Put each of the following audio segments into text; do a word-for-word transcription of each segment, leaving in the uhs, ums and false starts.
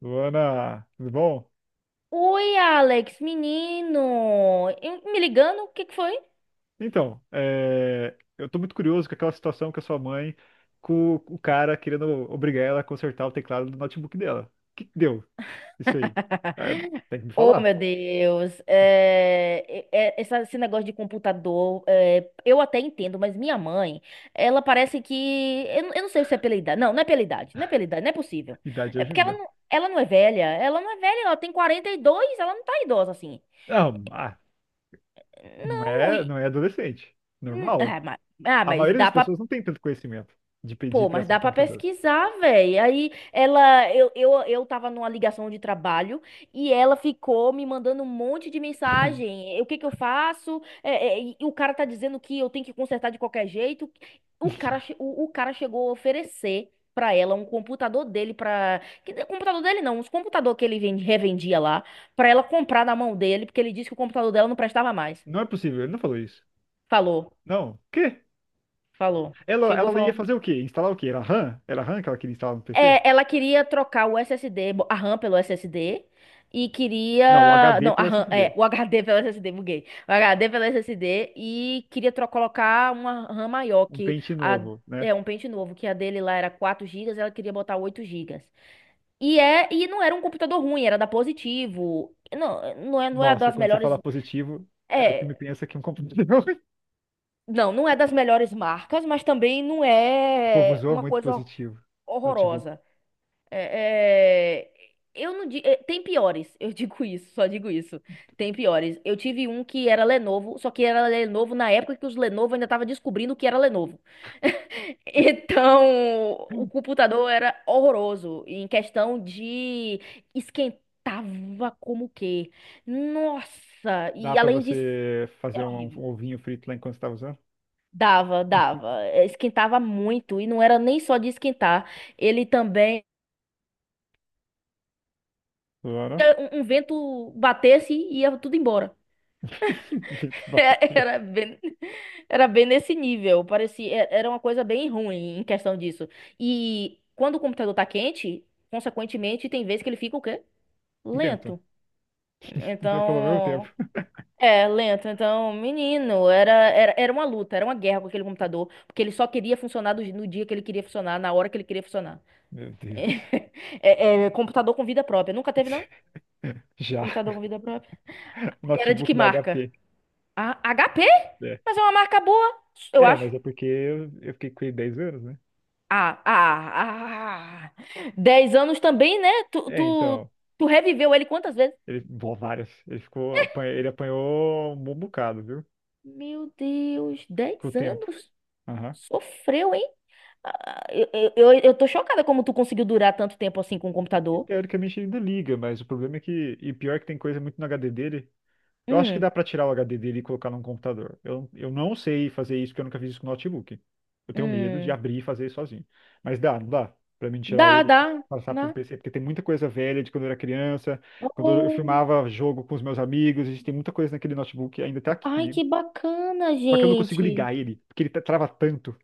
Luana, tudo bom? Oi, Alex, menino! E- Me ligando? O que que foi? Então, é, eu tô muito curioso com aquela situação com a sua mãe, com o cara querendo obrigar ela a consertar o teclado do notebook dela. O que que deu isso aí? É, tem que me Oh, falar. meu Deus! É, é- é- essa- esse negócio de computador, é, eu até entendo, mas minha mãe, ela parece que. Eu, não eu não sei se é pela idade. Não, não é pela idade. Não é pela idade, não é possível. Idade É porque ela ajuda. não, ela não é velha. Ela não é velha, ela tem quarenta e dois. Ela não tá idosa assim. Não, ah, não Não, é, e- não é adolescente. hum, Normal. ah, mas, ah, A mas maioria dá das pra. pessoas não tem tanto conhecimento de pedir Pô, mas peça de dá pra computador. pesquisar, velho. Aí ela, eu, eu, eu tava numa ligação de trabalho e ela ficou me mandando um monte de mensagem. O que que eu faço? É, é, e o cara tá dizendo que eu tenho que consertar de qualquer jeito. O cara, che- o, o cara chegou a oferecer pra ela um computador dele para, computador dele não, uns computador que ele vende- revendia lá, pra ela comprar na mão dele, porque ele disse que o computador dela não prestava mais. Não é possível, ele não falou isso. Falou, Não. O quê? falou. Ela, Chegou ela ia fazer falando. o quê? Instalar o quê? Era RAM? Era RAM que ela queria instalar no PC? É, ela queria trocar o S S D, bo- a RAM pelo SSD e Não, o queria, H D não, a pelo RAM, é, S S D. o HD pelo SSD, buguei. O HD pelo SSD e queria tro colocar uma RAM maior um que pente a. novo, né? É um pente novo, que a dele lá era quatro gigas. Ela queria botar oito gigas. E é e não era um computador ruim, era da Positivo. Não, não é, não é Nossa, das quando você melhores, fala positivo, é o que me é, pensa que é um computador. não, não é das melhores marcas, mas também não O povo é usou uma muito coisa positivo. Notebook. horrorosa. É, é, eu não di- é, tem piores, eu digo isso, só digo isso. Tem piores. Eu tive um que era Lenovo, só que era Lenovo na época que os Lenovo ainda tava descobrindo o que era Lenovo. Então, o computador era horroroso em questão de, esquentava como que. Nossa, Dá e pra além disso, você fazer era um, horrível. um ovinho frito lá enquanto você tá usando? Dava, dava. Eh, Esquentava muito e não era nem só de esquentar, ele também Claro. um, um vento batesse e ia tudo embora. Frito bateu. Era bem, era bem nesse nível. Parecia, é- era uma coisa bem ruim em questão disso. E quando o computador tá quente, consequentemente, tem vezes que ele fica o quê? Lento. Lento. Não é pelo mesmo tempo. Então. É, lento. Então, menino, era, era, era uma luta, era uma guerra com aquele computador, porque ele só queria funcionar do- no dia que ele queria funcionar, na hora que ele queria funcionar. Meu Deus. É, é, computador com vida própria. Nunca teve, não? Computador Já. com vida própria. Era de Notebook que da marca? H P. Ah, H P? É, Mas é uma marca boa, eu é mas acho. é porque eu, eu fiquei com ele dez anos, né? Ah, ah, ah. Dez anos também, né? Tu, É, tu, então. tu reviveu ele quantas vezes? Ele, bom, várias. Ele ficou, apanha- ele apanhou um bom bocado, viu? Meu Deus, Com o dez tempo. anos? Aham. Sofreu, hein? Ah, eu, eu, eu eu tô chocada como tu conseguiu durar tanto tempo assim com o computador. Teoricamente ele ainda liga, mas o problema é que. E pior que tem coisa muito no H D dele. Eu acho que Hum, dá pra tirar o H D dele e colocar num computador. Eu, eu não sei fazer isso porque eu nunca fiz isso com notebook. Eu tenho medo de hum. abrir e fazer isso sozinho. Mas dá, não dá pra mim tirar Dá, ele e dá, passar pra um dá. P C, porque tem muita coisa velha de quando eu era criança, quando eu Oh, filmava jogo com os meus amigos, a gente tem muita coisa naquele notebook, ainda tá aqui ai, comigo. que bacana, Só que eu não consigo gente. ligar ele, porque ele tra- trava tanto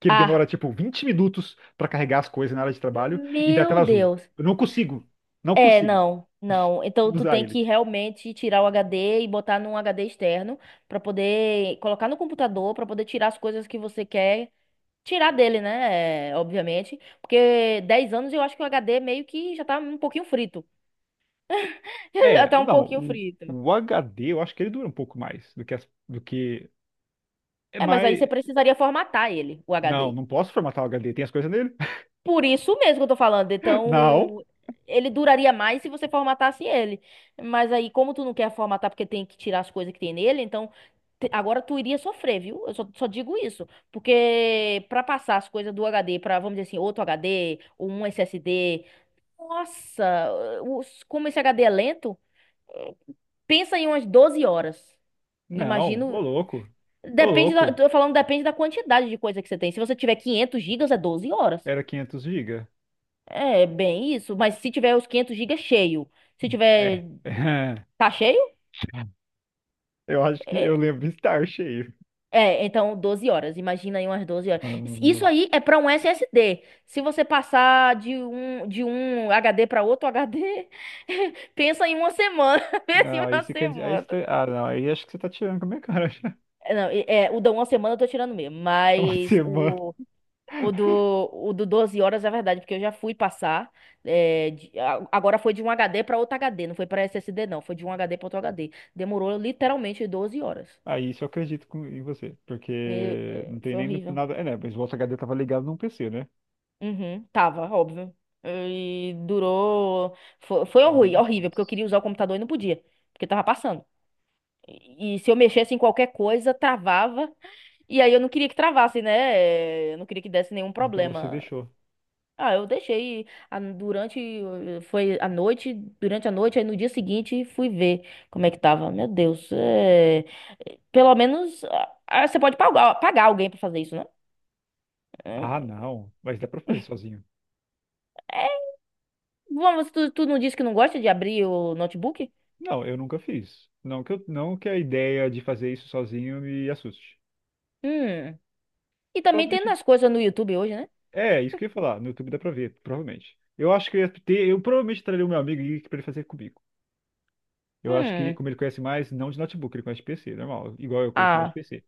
que ele demora Ah, tipo vinte minutos pra carregar as coisas na área de trabalho e dá tela meu azul. Deus. Eu não consigo, não É, consigo não, não. Então tu usar tem ele. que realmente tirar o H D e botar num H D externo pra poder colocar no computador pra poder tirar as coisas que você quer tirar dele, né? É, obviamente, porque dez anos eu acho que o H D meio que já tá um pouquinho frito. É, Já tá um não, pouquinho o, frito. o H D eu acho que ele dura um pouco mais do que as- do que é É, mas aí mais. você precisaria formatar ele, o Não, H D. não posso formatar o H D, tem as coisas nele? Por isso mesmo que eu tô falando. Não, Então, ele duraria mais se você formatasse ele. Mas aí, como tu não quer formatar porque tem que tirar as coisas que tem nele, então. Te- Agora tu iria sofrer, viu? Eu só, só digo isso. Porque pra passar as coisas do H D pra, vamos dizer assim, outro H D, ou um S S D. Nossa, os- como esse H D é lento, pensa em umas doze horas. não, Imagino. ô louco. Ô Depende da, louco, tô falando, depende da quantidade de coisa que você tem. Se você tiver quinhentos gigas, é doze horas. era quinhentos GB. É bem isso. Mas se tiver os quinhentos gigas é cheio, se É. tiver. Tá cheio? Eu acho que eu é lembro de estar cheio. É, então doze horas. Imagina aí umas doze horas. Isso isso aí é para um S S D. Se você passar de um, de um H D para outro H D, pensa em uma semana. Pensa em Não, aí uma você quer dizer. Aí você semana. tá- Ah, não, aí acho que você tá tirando com a minha cara já. É, Não, e- é, o da uma semana eu tô tirando mesmo, Uma mas semana. o, o, do, o do doze horas é verdade, porque eu já fui passar. é, de- a- agora foi de um H D para outro H D, não foi para S S D, não. Foi de um H D para outro H D. Demorou literalmente doze horas. Aí isso eu acredito com- em você. E, Porque é, não tem foi nem no- horrível. nada. É, né? Mas o outro H D tava ligado num P C, né? Uhum, tava, óbvio. E durou. Foi, foi E horri- mesmo assim. horrível, porque eu queria usar o computador e não podia, porque tava passando. E, e se eu mexesse em qualquer coisa, travava. E aí eu não queria que travasse, né? Eh, Eu não queria que desse nenhum Então você problema. deixou. Ah, eu deixei a- durante. eh, Foi à noite, durante a noite, aí no dia seguinte fui ver como é que tava. Meu Deus, é, pelo menos ah, ah, você pode pagar, pagar alguém pra fazer isso, né? Ah, não. Mas dá pra fazer sozinho. Eh, Bom, você, tu, tu não disse que não gosta de abrir o notebook? Não, eu nunca fiz. Não que, eu, não que a ideia de fazer isso sozinho me assuste. Hum. E também tem Provavelmente. nas coisas no YouTube hoje, né? É, isso que eu ia falar. No YouTube dá pra ver, provavelmente. Eu acho que eu ia ter. Eu provavelmente traria o meu amigo e- pra ele fazer comigo. Eu acho que, Hum. como ele conhece mais, não de notebook, ele conhece de P C, normal, igual eu conheço mais de Ah. P C.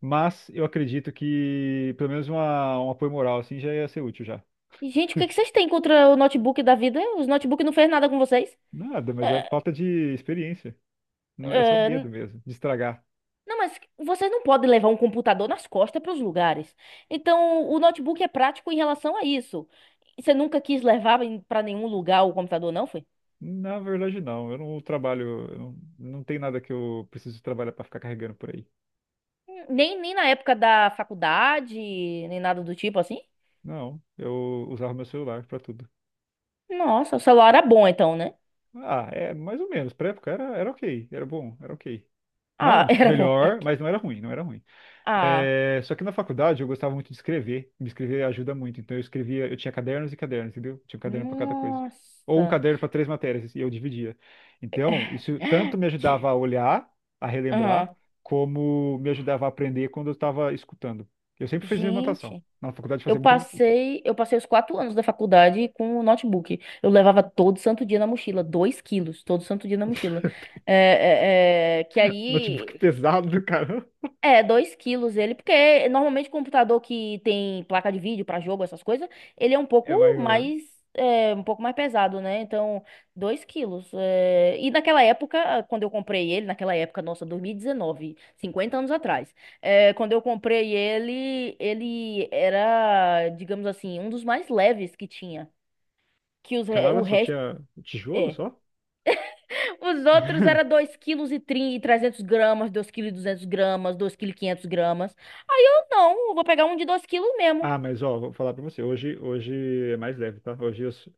Mas eu acredito que pelo menos uma, um apoio moral assim já ia ser útil já. E, Gente, o que que vocês têm contra o notebook da vida? Os notebooks não fez nada com vocês? Nada, mas é É, falta de experiência. Não, é só é, medo n- mesmo, de estragar. não, mas vocês não podem levar um computador nas costas para os lugares. Então, o notebook é prático em relação a isso. Você nunca quis levar para nenhum lugar o computador, não foi? Na verdade, não. Eu não trabalho, eu não, não tem nada que eu preciso trabalhar para ficar carregando por aí. Hum, Nem, nem na época da faculdade, nem nada do tipo assim? Não, eu usava meu celular para tudo. Nossa, o celular era bom então, né? Ah, é mais ou menos. Pra época era, era ok, era bom, era ok. Ah, Não, tipo, era bom. melhor, mas não era ruim, não era ruim. Ah, É, só que na faculdade eu gostava muito de escrever. Me escrever ajuda muito. Então eu escrevia, eu tinha cadernos e cadernos, entendeu? Tinha um caderno para cada coisa. Ou um nossa. caderno para três matérias, e eu dividia. Então, isso tanto me ajudava a olhar, a relembrar, Aham. como me ajudava a aprender quando eu estava escutando. Eu sempre fazia anotação. Gente, Na faculdade eu eu fazia muito anotação. passei, eu passei os quatro anos da faculdade com o notebook. Eu levava todo santo dia na mochila, dois quilos, todo santo dia na mochila. É, é, é, que notebook aí. pesado, cara. É, dois quilos ele, porque normalmente computador que tem placa de vídeo pra jogo, essas coisas, ele é um pouco É maior. mais, é, um pouco mais pesado, né? Então, dois quilos. é, E naquela época, quando eu comprei ele, naquela época, nossa, dois mil e dezenove, cinquenta anos atrás, é, quando eu comprei ele, ele era, digamos assim, um dos mais leves que tinha, que os, re- o Cara, só resto. tinha tijolo é só? os outros eram dois quilos e trezentos gramas, dois e duzentos duzentos gramas, dois e quinhentos quinhentos gramas. Aí eu não, eu vou pegar um de dois quilos mesmo. Ah, mas ó, vou falar pra você. Hoje, hoje é mais leve, tá? Hoje os-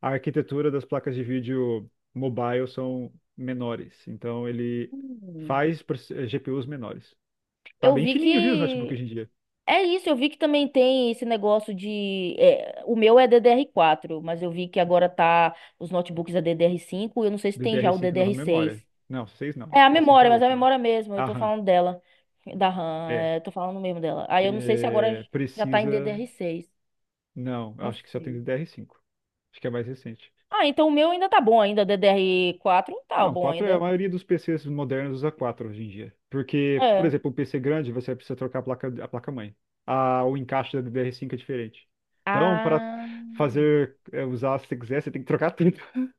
a arquitetura das placas de vídeo mobile são menores. Então ele Hum. faz proce- eh, G P Us menores. Tá Eu bem vi fininho, viu, os notebooks que. hoje em dia? É isso, eu vi que também tem esse negócio de. É, o meu é ddr quatro, mas eu vi que agora tá. Os notebooks é ddr cinco. Eu não sei se tem já o D D R cinco nova ddr memória. seis Não, seis não. É a Acho que a cinco é memória, a mas é a última. memória mesmo, eu tô Aham, falando dela, da RAM, é. é, tô falando mesmo dela. Aí eu não sei se agora É, já tá em Precisa. ddr seis. Não, Não acho que só tem sei. D D R cinco. Acho que é mais recente. Ah, então o meu ainda tá bom ainda, ddr quatro, tá Não, bom quatro é a ainda. maioria dos P Cs modernos usa quatro hoje em dia. Porque, por É. exemplo, um P C grande, você precisa trocar a placa, a placa-mãe. A, o encaixe da DDR cinco é diferente. Então, para Ah. fazer, é, usar se você quiser, você tem que trocar tudo.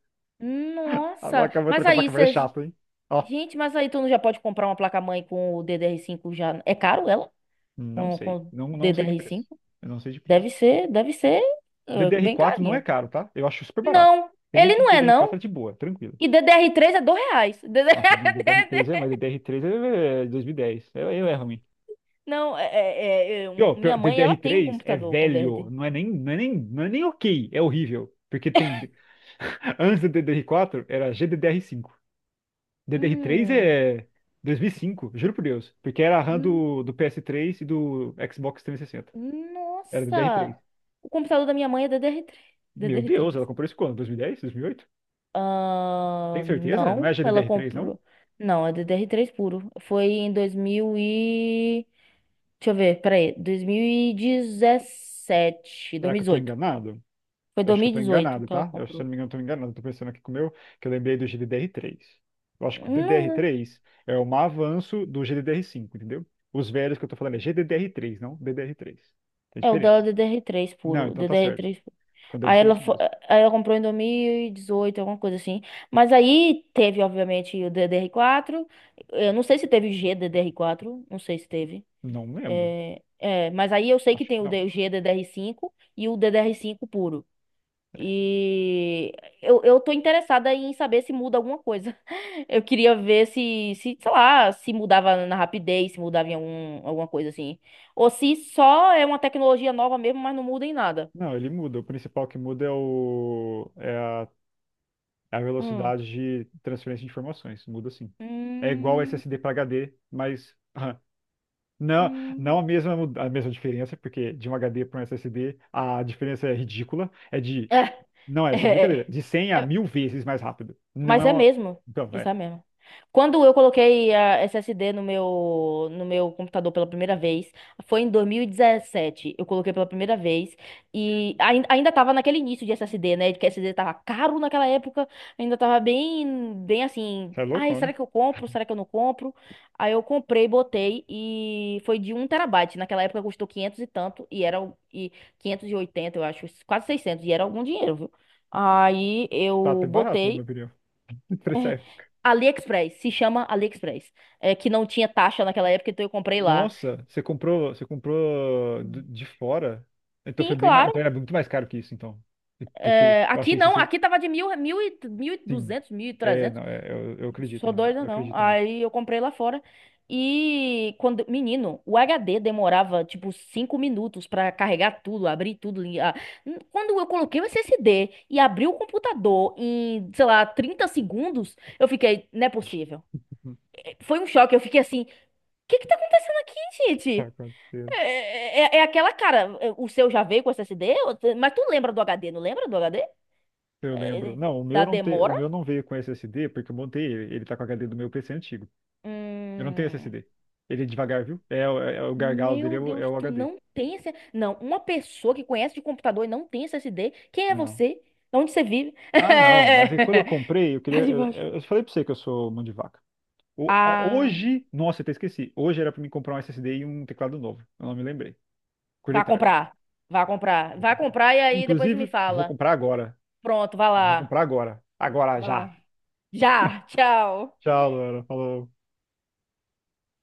A Nossa, placa-mãe, mas trocar a aí placa-mãe é você. chato, hein? Ó, Gente, mas aí tu não já pode comprar uma placa-mãe com o ddr cinco já. É caro ela? não Com, sei. com Não, não sei de ddr preço. cinco? Eu não sei de preço. Deve ser, deve ser eh, DDR bem quatro não é carinho. caro, tá? Eu acho super barato. Não, Tem ele antes de não é, DDR quatro não. é de boa, tranquilo. E ddr três é dois reais. Nossa, DDR três é, mas D D R. DDR três é dois mil e dez. É, é é ruim. Não, é, é- é- é, E, ó, um- pior, minha mãe, ela tem um D D R três é computador com velho, D D R três. não é nem, não é nem, não é nem ok, é horrível. Porque tem, antes do D D R quatro era G D D R cinco. D D R três é dois mil e cinco, juro por Deus. Porque era a RAM Hum. do, do P S três e do Xbox três sessenta. Era D D R três. Nossa! O computador da minha mãe é D D R três. Ddr Meu três, D D R Deus, ela três. comprou isso quando? dois mil e dez? dois mil e oito? Tem Ah, certeza? Não não, é ela G D D R três, não? comprou. Não, é ddr três puro. Foi em dois mil e. Deixa eu ver, peraí. Dois mil e Será que eu tô dois mil e dezoito. enganado? Foi Eu dois acho que mil eu e tô dezoito enganado, que ela tá? Eu, acho se eu comprou. não me engano, eu tô enganado. Eu tô pensando aqui com o meu, que eu lembrei do G D D R três. Eu acho que o Não, D D R três é um avanço do G D D R cinco, entendeu? Os velhos que eu tô falando é G D D R três, não D D R três. Tem é o dela é diferença. ddr três Não, puro. então tá ddr certo. três Então deve Aí ser ela, isso fo- mesmo. aí ela comprou em dois mil e dezoito alguma coisa assim. Mas aí teve, obviamente, o ddr quatro. Eu não sei se teve o gddr quatro. Não sei se teve. Não lembro. É, é, mas aí eu sei que Acho tem que o não. D- o G D D R cinco e o ddr cinco puro. É. E eu, eu tô interessada em saber se muda alguma coisa. Eu queria ver se, se, sei lá, se mudava na rapidez, se mudava em algum, alguma coisa assim. Ou se só é uma tecnologia nova mesmo, mas não muda em nada. Não, ele muda. O principal que muda é, o, é a, é a Hum. velocidade de transferência de informações. Muda sim. É igual Hum. S S D para H D, mas RAM. Não, não a Hum. mesma, mu- a mesma diferença, porque de um H D para um S S D a diferença é ridícula. É de, É, não é, isso é é, brincadeira, é. de cem a É. mil vezes mais rápido. Não é Mas é uma. mesmo. Então, Isso é, é mesmo. Quando eu coloquei a S S D no meu, no meu computador pela primeira vez, foi em dois mil e dezessete. Eu coloquei pela primeira vez e ainda, ainda tava naquele início de S S D, né? Que S S D tava caro naquela época, ainda tava bem, bem assim. você é louco, Ai, né? será que eu compro? Será que eu não compro? Aí eu comprei, botei e foi de um terabyte. Naquela época custou quinhentos e tanto e era o- e quinhentos e oitenta eu acho, quase seiscentos e era algum dinheiro, viu? Aí Tá até eu barato, na minha botei. opinião. Preço é- AliExpress, se chama AliExpress. É, que não tinha taxa naquela época, então eu comprei lá. Nossa, você comprou, você comprou do- de fora? Então foi Sim, bem mais, claro. então era muito mais caro que isso, então. Porque É, eu aqui achei não, esse, aqui tava de mil, mil e, mil e sim. duzentos, mil e É, trezentos. não, é, eu, eu acredito, Sou em- doida, eu não. acredito nisso. Aí eu comprei lá fora. E quando, menino, o H D demorava tipo cinco minutos pra carregar tudo, abrir tudo. li- ah, n- Quando eu coloquei o S S D e abri o computador em, sei lá, trinta segundos, eu fiquei, não é possível. É, Foi um choque, eu fiquei assim, o que que tá acontecendo aqui, Tá, com gente? certeza. É, é, é aquela cara, o seu já veio com S S D? Ou tu- Mas tu lembra do H D, não lembra do H D? Eu lembro. É, Não, o meu da não te... o demora? meu não veio com S S D porque eu montei ele. Ele tá com o H D do meu P C antigo. Eu não tenho Hum, S S D. Ele é devagar, viu? É, o- é, o gargalo dele meu é o, é Deus, o tu H D. não tem esse. Não, uma pessoa que conhece de computador e não tem S S D, quem é Não. você? Onde você vive? Ah, não. Mas é que quando eu comprei, eu queria. Tá Eu, debaixo. eu- eu falei pra você que eu sou mão de vaca. O- Ah, hoje. Nossa, eu até esqueci. Hoje era pra mim comprar um S S D e um teclado novo. Eu não me lembrei. Acordei vá tarde. comprar. Vá comprar. Vou Vá comprar. comprar e aí depois me Inclusive, vou fala. comprar agora. Pronto, vá Vou lá. comprar agora. Agora já. Vá. Já, tchau. Tchau, Laura. Falou.